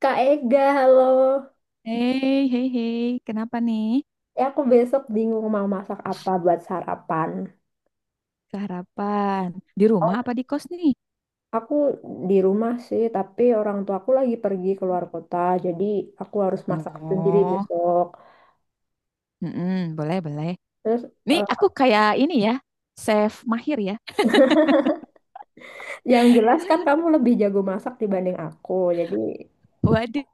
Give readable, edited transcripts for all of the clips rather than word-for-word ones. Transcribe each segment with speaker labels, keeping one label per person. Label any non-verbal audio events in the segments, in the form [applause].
Speaker 1: Kak Ega, halo.
Speaker 2: Hei, hei, hei, kenapa nih?
Speaker 1: Ya, aku besok bingung mau masak apa buat sarapan.
Speaker 2: Keharapan. Di rumah
Speaker 1: Oh.
Speaker 2: apa di kos nih?
Speaker 1: Aku di rumah sih, tapi orang tuaku lagi pergi keluar kota, jadi aku harus masak sendiri
Speaker 2: Oh,
Speaker 1: besok.
Speaker 2: mm-mm, boleh, boleh.
Speaker 1: Terus,
Speaker 2: Nih,
Speaker 1: eh,
Speaker 2: aku kayak ini ya, chef mahir ya.
Speaker 1: yang jelas kan
Speaker 2: [laughs]
Speaker 1: kamu lebih jago masak dibanding aku, jadi
Speaker 2: Waduh.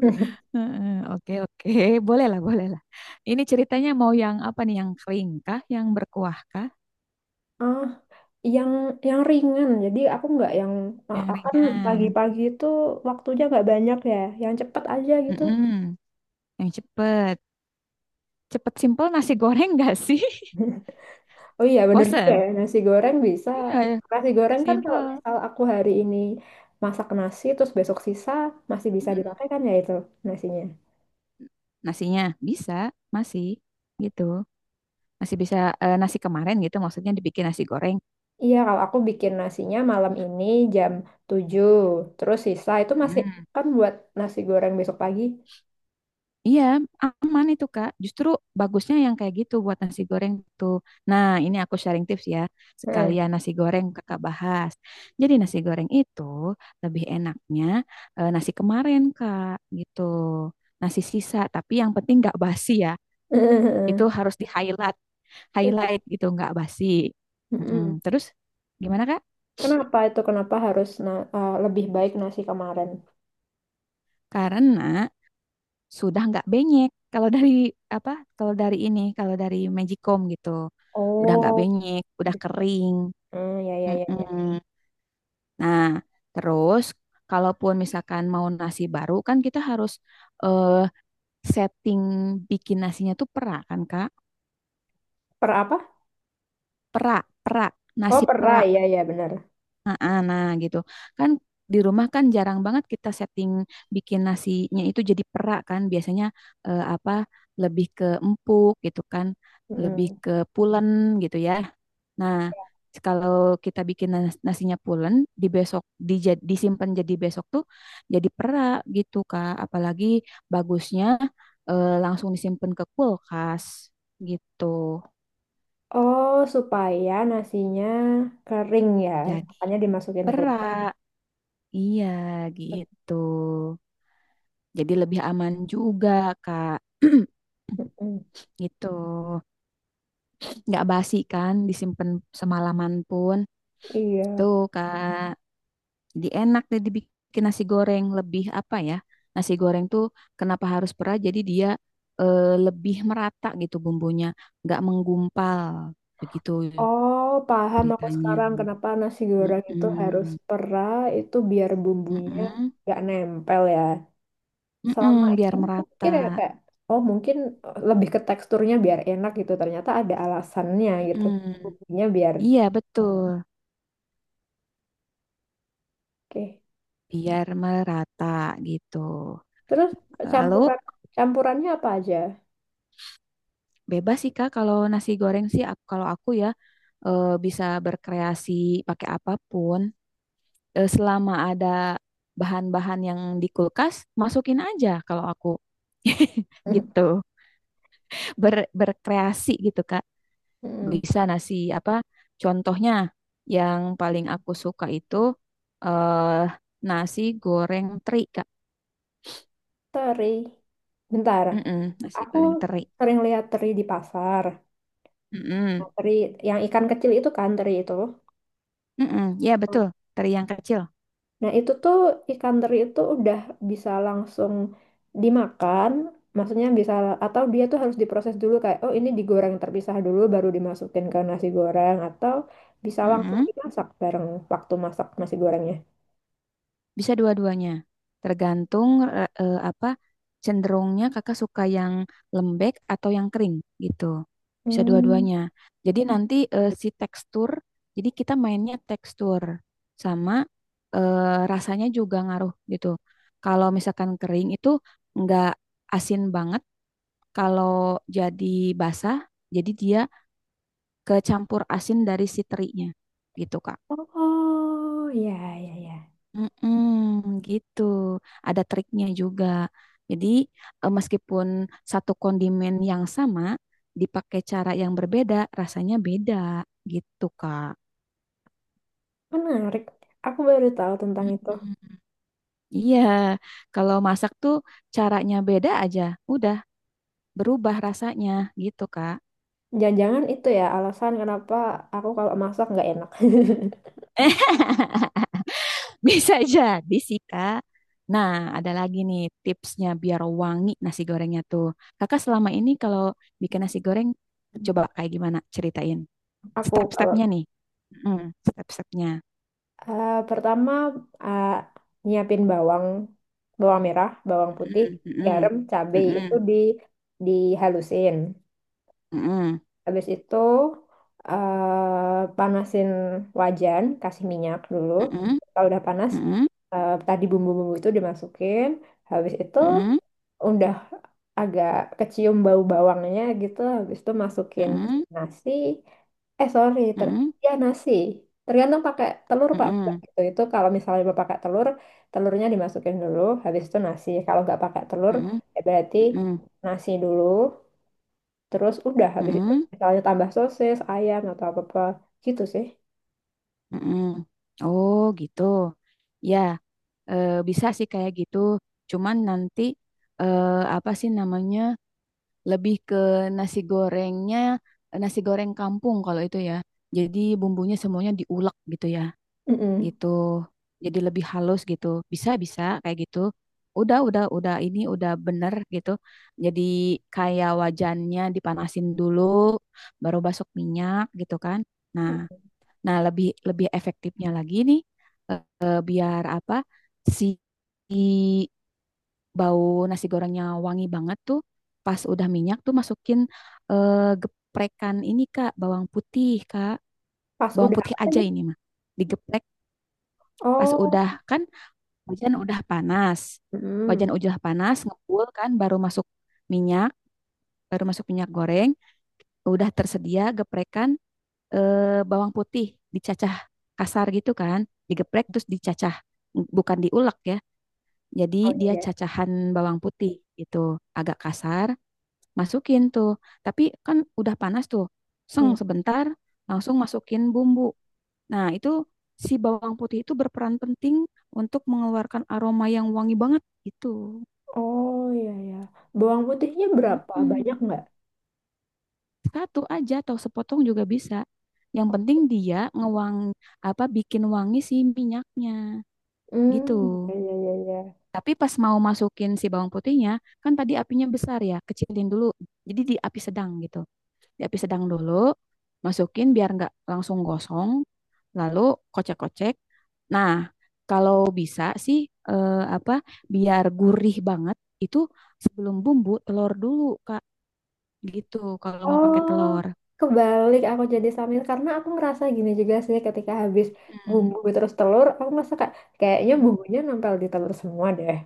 Speaker 1: [laughs]
Speaker 2: Heeh. Oke, oke. Boleh lah, boleh lah. Ini ceritanya mau yang apa nih? Yang kering kah? Yang berkuah kah?
Speaker 1: ah yang yang ringan. Jadi aku nggak yang ah,
Speaker 2: Yang
Speaker 1: kan
Speaker 2: ringan?
Speaker 1: pagi-pagi itu waktunya nggak banyak ya, yang cepet aja gitu.
Speaker 2: Mm-mm, yang cepet. Cepet simple nasi goreng gak sih?
Speaker 1: Oh iya,
Speaker 2: [laughs]
Speaker 1: bener juga
Speaker 2: Bosen?
Speaker 1: ya. Nasi goreng bisa.
Speaker 2: Iya,
Speaker 1: Nasi goreng kan kalau
Speaker 2: simple.
Speaker 1: misal aku hari ini masak nasi, terus besok sisa masih bisa dipakai kan ya itu nasinya.
Speaker 2: Nasinya bisa masih gitu, masih bisa, nasi kemarin gitu maksudnya, dibikin nasi goreng.
Speaker 1: Iya, kalau aku bikin nasinya malam ini jam 7 terus sisa itu masih
Speaker 2: Mm.
Speaker 1: kan buat nasi goreng besok pagi.
Speaker 2: Iya, aman itu Kak. Justru bagusnya yang kayak gitu buat nasi goreng tuh. Nah, ini aku sharing tips ya.
Speaker 1: Heeh.
Speaker 2: Sekalian nasi goreng Kakak bahas. Jadi nasi goreng itu lebih enaknya nasi kemarin Kak, gitu. Nasi sisa, tapi yang penting nggak basi ya. Itu
Speaker 1: [laughs]
Speaker 2: harus di highlight,
Speaker 1: Itu
Speaker 2: highlight gitu, nggak basi.
Speaker 1: mm-mm.
Speaker 2: Mm-mm. Terus gimana Kak?
Speaker 1: Kenapa itu? Kenapa harus lebih baik nasi kemarin?
Speaker 2: Karena sudah nggak benyek. Kalau dari apa? Kalau dari ini, kalau dari Magicom gitu, udah nggak
Speaker 1: Oh,
Speaker 2: benyek, udah
Speaker 1: gitu.
Speaker 2: kering.
Speaker 1: Hmm, ya, ya, ya, ya.
Speaker 2: Mm-mm. Nah, terus kalaupun misalkan mau nasi baru, kan kita harus eh, setting bikin nasinya tuh perak kan Kak?
Speaker 1: Per apa?
Speaker 2: Perak, perak,
Speaker 1: Oh,
Speaker 2: nasi
Speaker 1: per
Speaker 2: perak.
Speaker 1: ya, ya, benar.
Speaker 2: Nah, nah gitu. Kan di rumah kan jarang banget kita setting bikin nasinya itu jadi perak kan. Biasanya eh, apa lebih ke empuk gitu kan, lebih ke pulen gitu ya. Nah, kalau kita bikin nasinya pulen, di besok disimpan, jadi besok tuh jadi perak gitu Kak. Apalagi bagusnya langsung disimpan ke kulkas gitu.
Speaker 1: Oh, supaya nasinya kering ya,
Speaker 2: Jadi
Speaker 1: makanya dimasukin kulkas.
Speaker 2: perak. Iya, gitu. Jadi lebih aman juga, Kak. [clears throat]
Speaker 1: Mm-mm.
Speaker 2: Gitu. Nggak basi kan, disimpan semalaman pun.
Speaker 1: Iya.
Speaker 2: Tuh, Kak. Jadi enak deh dibikin nasi goreng, lebih apa ya? Nasi goreng tuh kenapa harus perah? Jadi dia lebih merata gitu bumbunya, nggak menggumpal. Begitu
Speaker 1: Oh, paham aku
Speaker 2: ceritanya.
Speaker 1: sekarang kenapa nasi goreng itu harus
Speaker 2: Mm-mm.
Speaker 1: pera itu biar bumbunya
Speaker 2: Mm-mm.
Speaker 1: nggak nempel ya. Selama
Speaker 2: Mm-mm, biar
Speaker 1: ini aku pikir ya
Speaker 2: merata.
Speaker 1: kayak, oh mungkin lebih ke teksturnya biar enak gitu. Ternyata ada alasannya gitu.
Speaker 2: Mm-mm.
Speaker 1: Bumbunya biar
Speaker 2: Iya, betul.
Speaker 1: oke.
Speaker 2: Biar merata gitu.
Speaker 1: Terus
Speaker 2: Lalu
Speaker 1: campuran campurannya apa aja?
Speaker 2: bebas sih Kak kalau nasi goreng sih, kalau aku ya, bisa berkreasi pakai apapun. Selama ada bahan-bahan yang di kulkas, masukin aja kalau aku. [laughs] Gitu.
Speaker 1: [laughs]
Speaker 2: Berkreasi gitu Kak,
Speaker 1: Mm.
Speaker 2: bisa nasi apa, contohnya yang paling aku suka itu eh nasi goreng teri Kak.
Speaker 1: Teri. Bentar,
Speaker 2: Mm-mm, nasi
Speaker 1: aku
Speaker 2: goreng teri.
Speaker 1: sering lihat teri di pasar. Nah,
Speaker 2: Mm-mm,
Speaker 1: teri yang ikan kecil itu kan teri itu.
Speaker 2: mm-mm. Ya betul, teri yang kecil.
Speaker 1: Nah, itu tuh ikan teri itu udah bisa langsung dimakan. Maksudnya bisa atau dia tuh harus diproses dulu kayak oh ini digoreng terpisah dulu baru dimasukin ke nasi goreng atau bisa langsung
Speaker 2: Mm-mm.
Speaker 1: dimasak bareng waktu masak nasi gorengnya.
Speaker 2: Bisa dua-duanya. Tergantung apa, cenderungnya kakak suka yang lembek atau yang kering gitu. Bisa
Speaker 1: Hmm.
Speaker 2: dua-duanya. Jadi nanti si tekstur, jadi kita mainnya tekstur sama rasanya juga ngaruh gitu. Kalau misalkan kering itu nggak asin banget. Kalau jadi basah, jadi dia kecampur asin dari si terinya gitu, Kak.
Speaker 1: Oh, ya ya ya.
Speaker 2: Mm-mm, gitu. Ada triknya juga. Jadi, meskipun satu kondimen yang sama, dipakai cara yang berbeda, rasanya beda gitu, Kak.
Speaker 1: Menarik. Aku baru tahu tentang itu.
Speaker 2: Mm-mm. Iya, kalau masak tuh caranya beda aja. Udah, berubah rasanya gitu, Kak.
Speaker 1: Jangan-jangan itu ya alasan kenapa aku kalau masak nggak enak. [laughs]
Speaker 2: Eh, [laughs] bisa jadi sih, Kak. Nah, ada lagi nih tipsnya biar wangi nasi gorengnya tuh. Kakak selama ini kalau bikin nasi goreng coba kayak gimana? Ceritain.
Speaker 1: Aku kalau
Speaker 2: Step-stepnya nih. Mhm, step-stepnya.
Speaker 1: pertama eh, nyiapin bawang, bawang merah, bawang putih,
Speaker 2: Mhm, mhm,
Speaker 1: garam, cabai itu
Speaker 2: mhm,
Speaker 1: dihalusin.
Speaker 2: mhm,
Speaker 1: Habis itu panasin wajan, kasih minyak dulu. Kalau udah panas,
Speaker 2: mhm,
Speaker 1: tadi bumbu-bumbu itu dimasukin. Habis itu
Speaker 2: mhm,
Speaker 1: udah agak kecium bau bawangnya gitu. Habis itu masukin
Speaker 2: mhm,
Speaker 1: nasi. Eh sorry,
Speaker 2: mhm,
Speaker 1: ter
Speaker 2: mhm,
Speaker 1: ya nasi. Tergantung pakai telur pak enggak
Speaker 2: mhm,
Speaker 1: gitu. Itu kalau misalnya mau pakai telur, telurnya dimasukin dulu. Habis itu nasi. Kalau nggak pakai telur,
Speaker 2: mhm,
Speaker 1: ya berarti
Speaker 2: mhm,
Speaker 1: nasi dulu. Terus udah habis itu
Speaker 2: mhm,
Speaker 1: misalnya tambah sosis, ayam atau apa-apa gitu sih.
Speaker 2: mhm. Oh, gitu. Ya, bisa sih kayak gitu. Cuman nanti eh, apa sih namanya? Lebih ke nasi gorengnya, nasi goreng kampung kalau itu ya. Jadi bumbunya semuanya diulek gitu ya.
Speaker 1: Mm-mm.
Speaker 2: Gitu. Jadi lebih halus gitu. Bisa, bisa kayak gitu. Udah, ini udah bener gitu. Jadi kayak wajannya dipanasin dulu, baru basok minyak gitu kan. Nah, nah lebih lebih efektifnya lagi nih, biar apa si si bau nasi gorengnya wangi banget tuh, pas udah minyak tuh masukin eh, geprekan ini Kak.
Speaker 1: Pas
Speaker 2: Bawang
Speaker 1: udah
Speaker 2: putih
Speaker 1: apa
Speaker 2: aja
Speaker 1: tadi?
Speaker 2: ini mah. Digeprek pas
Speaker 1: Oh,
Speaker 2: udah kan, wajan udah panas.
Speaker 1: mm-mm.
Speaker 2: Wajan udah panas, ngebul kan, minyak, baru masuk minyak goreng, udah tersedia geprekan bawang putih dicacah kasar gitu kan, digeprek terus dicacah, bukan diulek ya. Jadi
Speaker 1: Oh
Speaker 2: dia
Speaker 1: iya.
Speaker 2: cacahan bawang putih gitu, agak kasar, masukin tuh. Tapi kan udah panas tuh. Seng
Speaker 1: Iya.
Speaker 2: sebentar, langsung masukin bumbu. Nah, itu si bawang putih itu berperan penting untuk mengeluarkan aroma yang wangi banget gitu.
Speaker 1: Oh iya ya. Bawang putihnya berapa? Banyak
Speaker 2: Mm-mm.
Speaker 1: nggak?
Speaker 2: Satu aja atau sepotong juga bisa. Yang penting dia ngewang, apa, bikin wangi si minyaknya gitu.
Speaker 1: Hmm, iya iya iya. Iya.
Speaker 2: Tapi pas mau masukin si bawang putihnya, kan tadi apinya besar ya, kecilin dulu. Jadi di api sedang gitu. Di api sedang dulu, masukin biar nggak langsung gosong. Lalu kocek-kocek. Nah, kalau bisa sih eh, apa biar gurih banget itu, sebelum bumbu telur dulu, Kak. Gitu kalau mau pakai
Speaker 1: Oh,
Speaker 2: telur.
Speaker 1: kebalik aku jadi samir karena aku ngerasa gini juga sih ketika habis
Speaker 2: Hmm.
Speaker 1: bumbu terus telur, aku ngerasa kayak kayaknya bumbunya nempel di telur semua deh.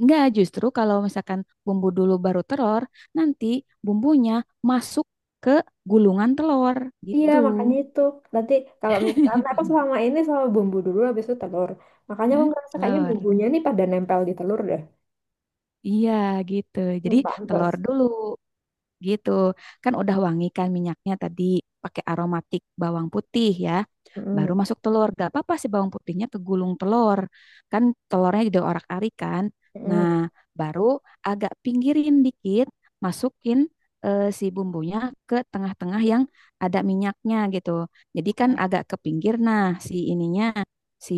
Speaker 2: Enggak, justru kalau misalkan bumbu dulu baru telur, nanti bumbunya masuk ke gulungan telur
Speaker 1: Iya,
Speaker 2: gitu.
Speaker 1: makanya itu. Nanti kalau misalkan aku
Speaker 2: [laughs]
Speaker 1: selama ini selalu bumbu dulu habis itu telur. Makanya aku ngerasa kayaknya
Speaker 2: Telur.
Speaker 1: bumbunya nih pada nempel di telur deh.
Speaker 2: Iya, gitu. Jadi
Speaker 1: Hmm,
Speaker 2: telur
Speaker 1: pantes.
Speaker 2: dulu. Gitu. Kan udah wangi kan minyaknya tadi, pakai aromatik bawang putih ya. Baru
Speaker 1: Mm-mm.
Speaker 2: masuk telur. Gak apa-apa sih bawang putihnya kegulung telur. Kan telurnya diorak-arik kan.
Speaker 1: Mm-mm.
Speaker 2: Nah, baru agak pinggirin dikit, masukin si bumbunya ke tengah-tengah yang ada minyaknya gitu. Jadi kan agak ke pinggir, nah si ininya, si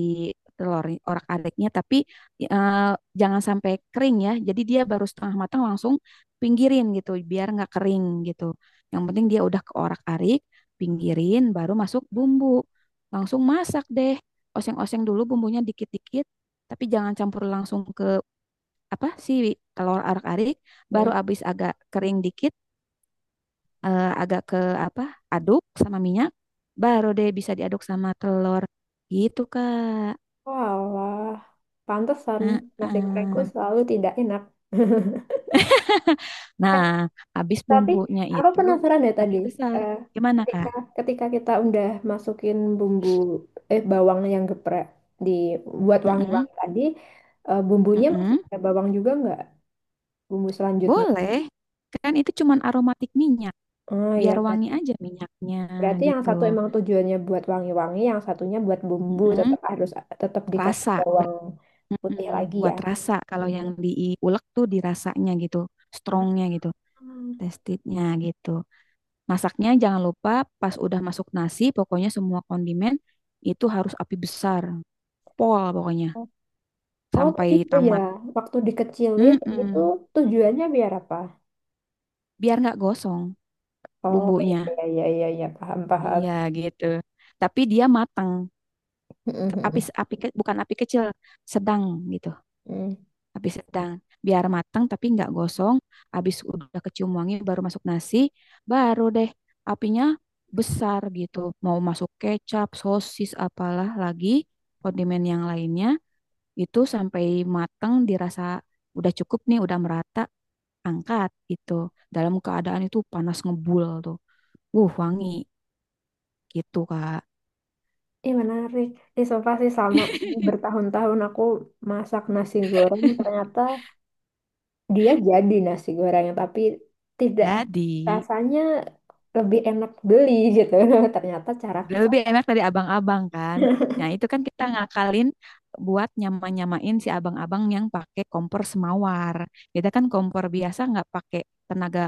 Speaker 2: telur orak-ariknya, tapi eh, jangan sampai kering ya. Jadi dia baru setengah matang langsung pinggirin gitu biar nggak kering gitu. Yang penting dia udah keorak-arik, pinggirin, baru masuk bumbu. Langsung masak deh. Oseng-oseng dulu bumbunya dikit-dikit, tapi jangan campur langsung ke apa, si telur arak-arik, baru
Speaker 1: Mm-mm.
Speaker 2: abis agak kering dikit, agak ke apa? Aduk sama minyak, baru deh bisa diaduk sama telur. Gitu, Kak.
Speaker 1: Walah, pantesan
Speaker 2: Heeh.
Speaker 1: nasi gorengku selalu tidak enak. [laughs] Eh,
Speaker 2: Nah, habis
Speaker 1: tapi
Speaker 2: bumbunya
Speaker 1: aku
Speaker 2: itu
Speaker 1: penasaran deh
Speaker 2: api
Speaker 1: tadi.
Speaker 2: besar.
Speaker 1: Eh,
Speaker 2: Gimana,
Speaker 1: ketika
Speaker 2: Kak?
Speaker 1: ketika kita udah masukin bumbu bawang yang geprek di buat
Speaker 2: Mm-mm,
Speaker 1: wangi-wangi tadi, bumbunya masih
Speaker 2: mm-mm.
Speaker 1: ada bawang juga nggak? Bumbu selanjutnya.
Speaker 2: Boleh, kan itu cuman aromatik minyak,
Speaker 1: Oh
Speaker 2: biar
Speaker 1: ya
Speaker 2: wangi
Speaker 1: berarti.
Speaker 2: aja minyaknya
Speaker 1: Berarti yang
Speaker 2: gitu.
Speaker 1: satu emang tujuannya buat wangi-wangi, yang satunya buat bumbu,
Speaker 2: Mm-mm.
Speaker 1: tetap dikasih
Speaker 2: Rasa,
Speaker 1: bawang
Speaker 2: ber-
Speaker 1: putih
Speaker 2: mm-mm.
Speaker 1: lagi ya.
Speaker 2: Buat rasa kalau yang diulek tuh dirasanya gitu,
Speaker 1: Ah.
Speaker 2: strongnya gitu, testednya gitu. Masaknya jangan lupa, pas udah masuk nasi, pokoknya semua kondimen itu harus api besar, pol pokoknya
Speaker 1: Oh, oh, tadi
Speaker 2: sampai
Speaker 1: itu ya,
Speaker 2: tamat.
Speaker 1: waktu dikecilin itu
Speaker 2: Mm-mm.
Speaker 1: tujuannya biar apa?
Speaker 2: Biar nggak gosong
Speaker 1: Oh iya
Speaker 2: bumbunya.
Speaker 1: iya iya iya, iya. Paham paham.
Speaker 2: Iya gitu. Tapi dia matang. Api
Speaker 1: [laughs]
Speaker 2: api bukan api kecil, sedang gitu.
Speaker 1: Hmm.
Speaker 2: Api sedang, biar matang tapi nggak gosong. Habis udah kecium wangi baru masuk nasi, baru deh apinya besar gitu, mau masuk kecap, sosis, apalah lagi kondimen yang lainnya, itu sampai matang dirasa udah cukup nih, udah merata, angkat gitu. Dalam keadaan itu panas ngebul tuh, wuh wangi gitu Kak.
Speaker 1: Ih menarik. Ih sumpah sih sama ini bertahun-tahun aku masak nasi goreng ternyata dia jadi nasi gorengnya tapi tidak
Speaker 2: [laughs] Jadi
Speaker 1: rasanya lebih enak beli gitu. [laughs] Ternyata cara
Speaker 2: dia
Speaker 1: kesel.
Speaker 2: lebih enak dari abang-abang kan. Nah, itu kan kita ngakalin buat nyama-nyamain si abang-abang yang pakai kompor semawar. Kita kan kompor biasa, nggak pakai tenaga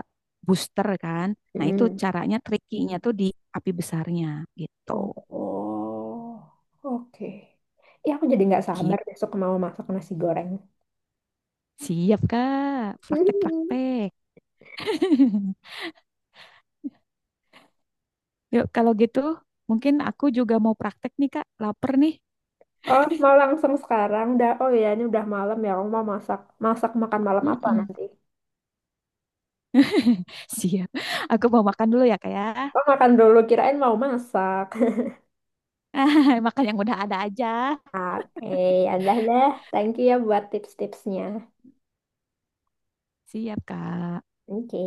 Speaker 2: booster kan. Nah, itu
Speaker 1: Mm.
Speaker 2: caranya, trikinya tuh di api besarnya gitu.
Speaker 1: Oh, oh, oke. Ya aku jadi nggak sabar
Speaker 2: Gitu.
Speaker 1: besok mau masak nasi goreng.
Speaker 2: Siap, Kak.
Speaker 1: [laughs] Hmm.
Speaker 2: Praktek-praktek. [laughs] Yuk, kalau gitu mungkin aku juga mau praktek nih, Kak. Laper nih.
Speaker 1: Oh, mau langsung sekarang dah. Oh ya, ini udah malam ya. Aku mau masak. Masak makan malam apa
Speaker 2: Mm-mm.
Speaker 1: nanti?
Speaker 2: [laughs] Siap. Aku mau makan dulu ya, Kak ya.
Speaker 1: Oh, makan dulu. Kirain mau masak.
Speaker 2: [laughs] Makan yang udah ada aja.
Speaker 1: [laughs] Oke, ya udah deh. Thank you ya buat tips-tipsnya.
Speaker 2: Siap, Kak.
Speaker 1: Oke.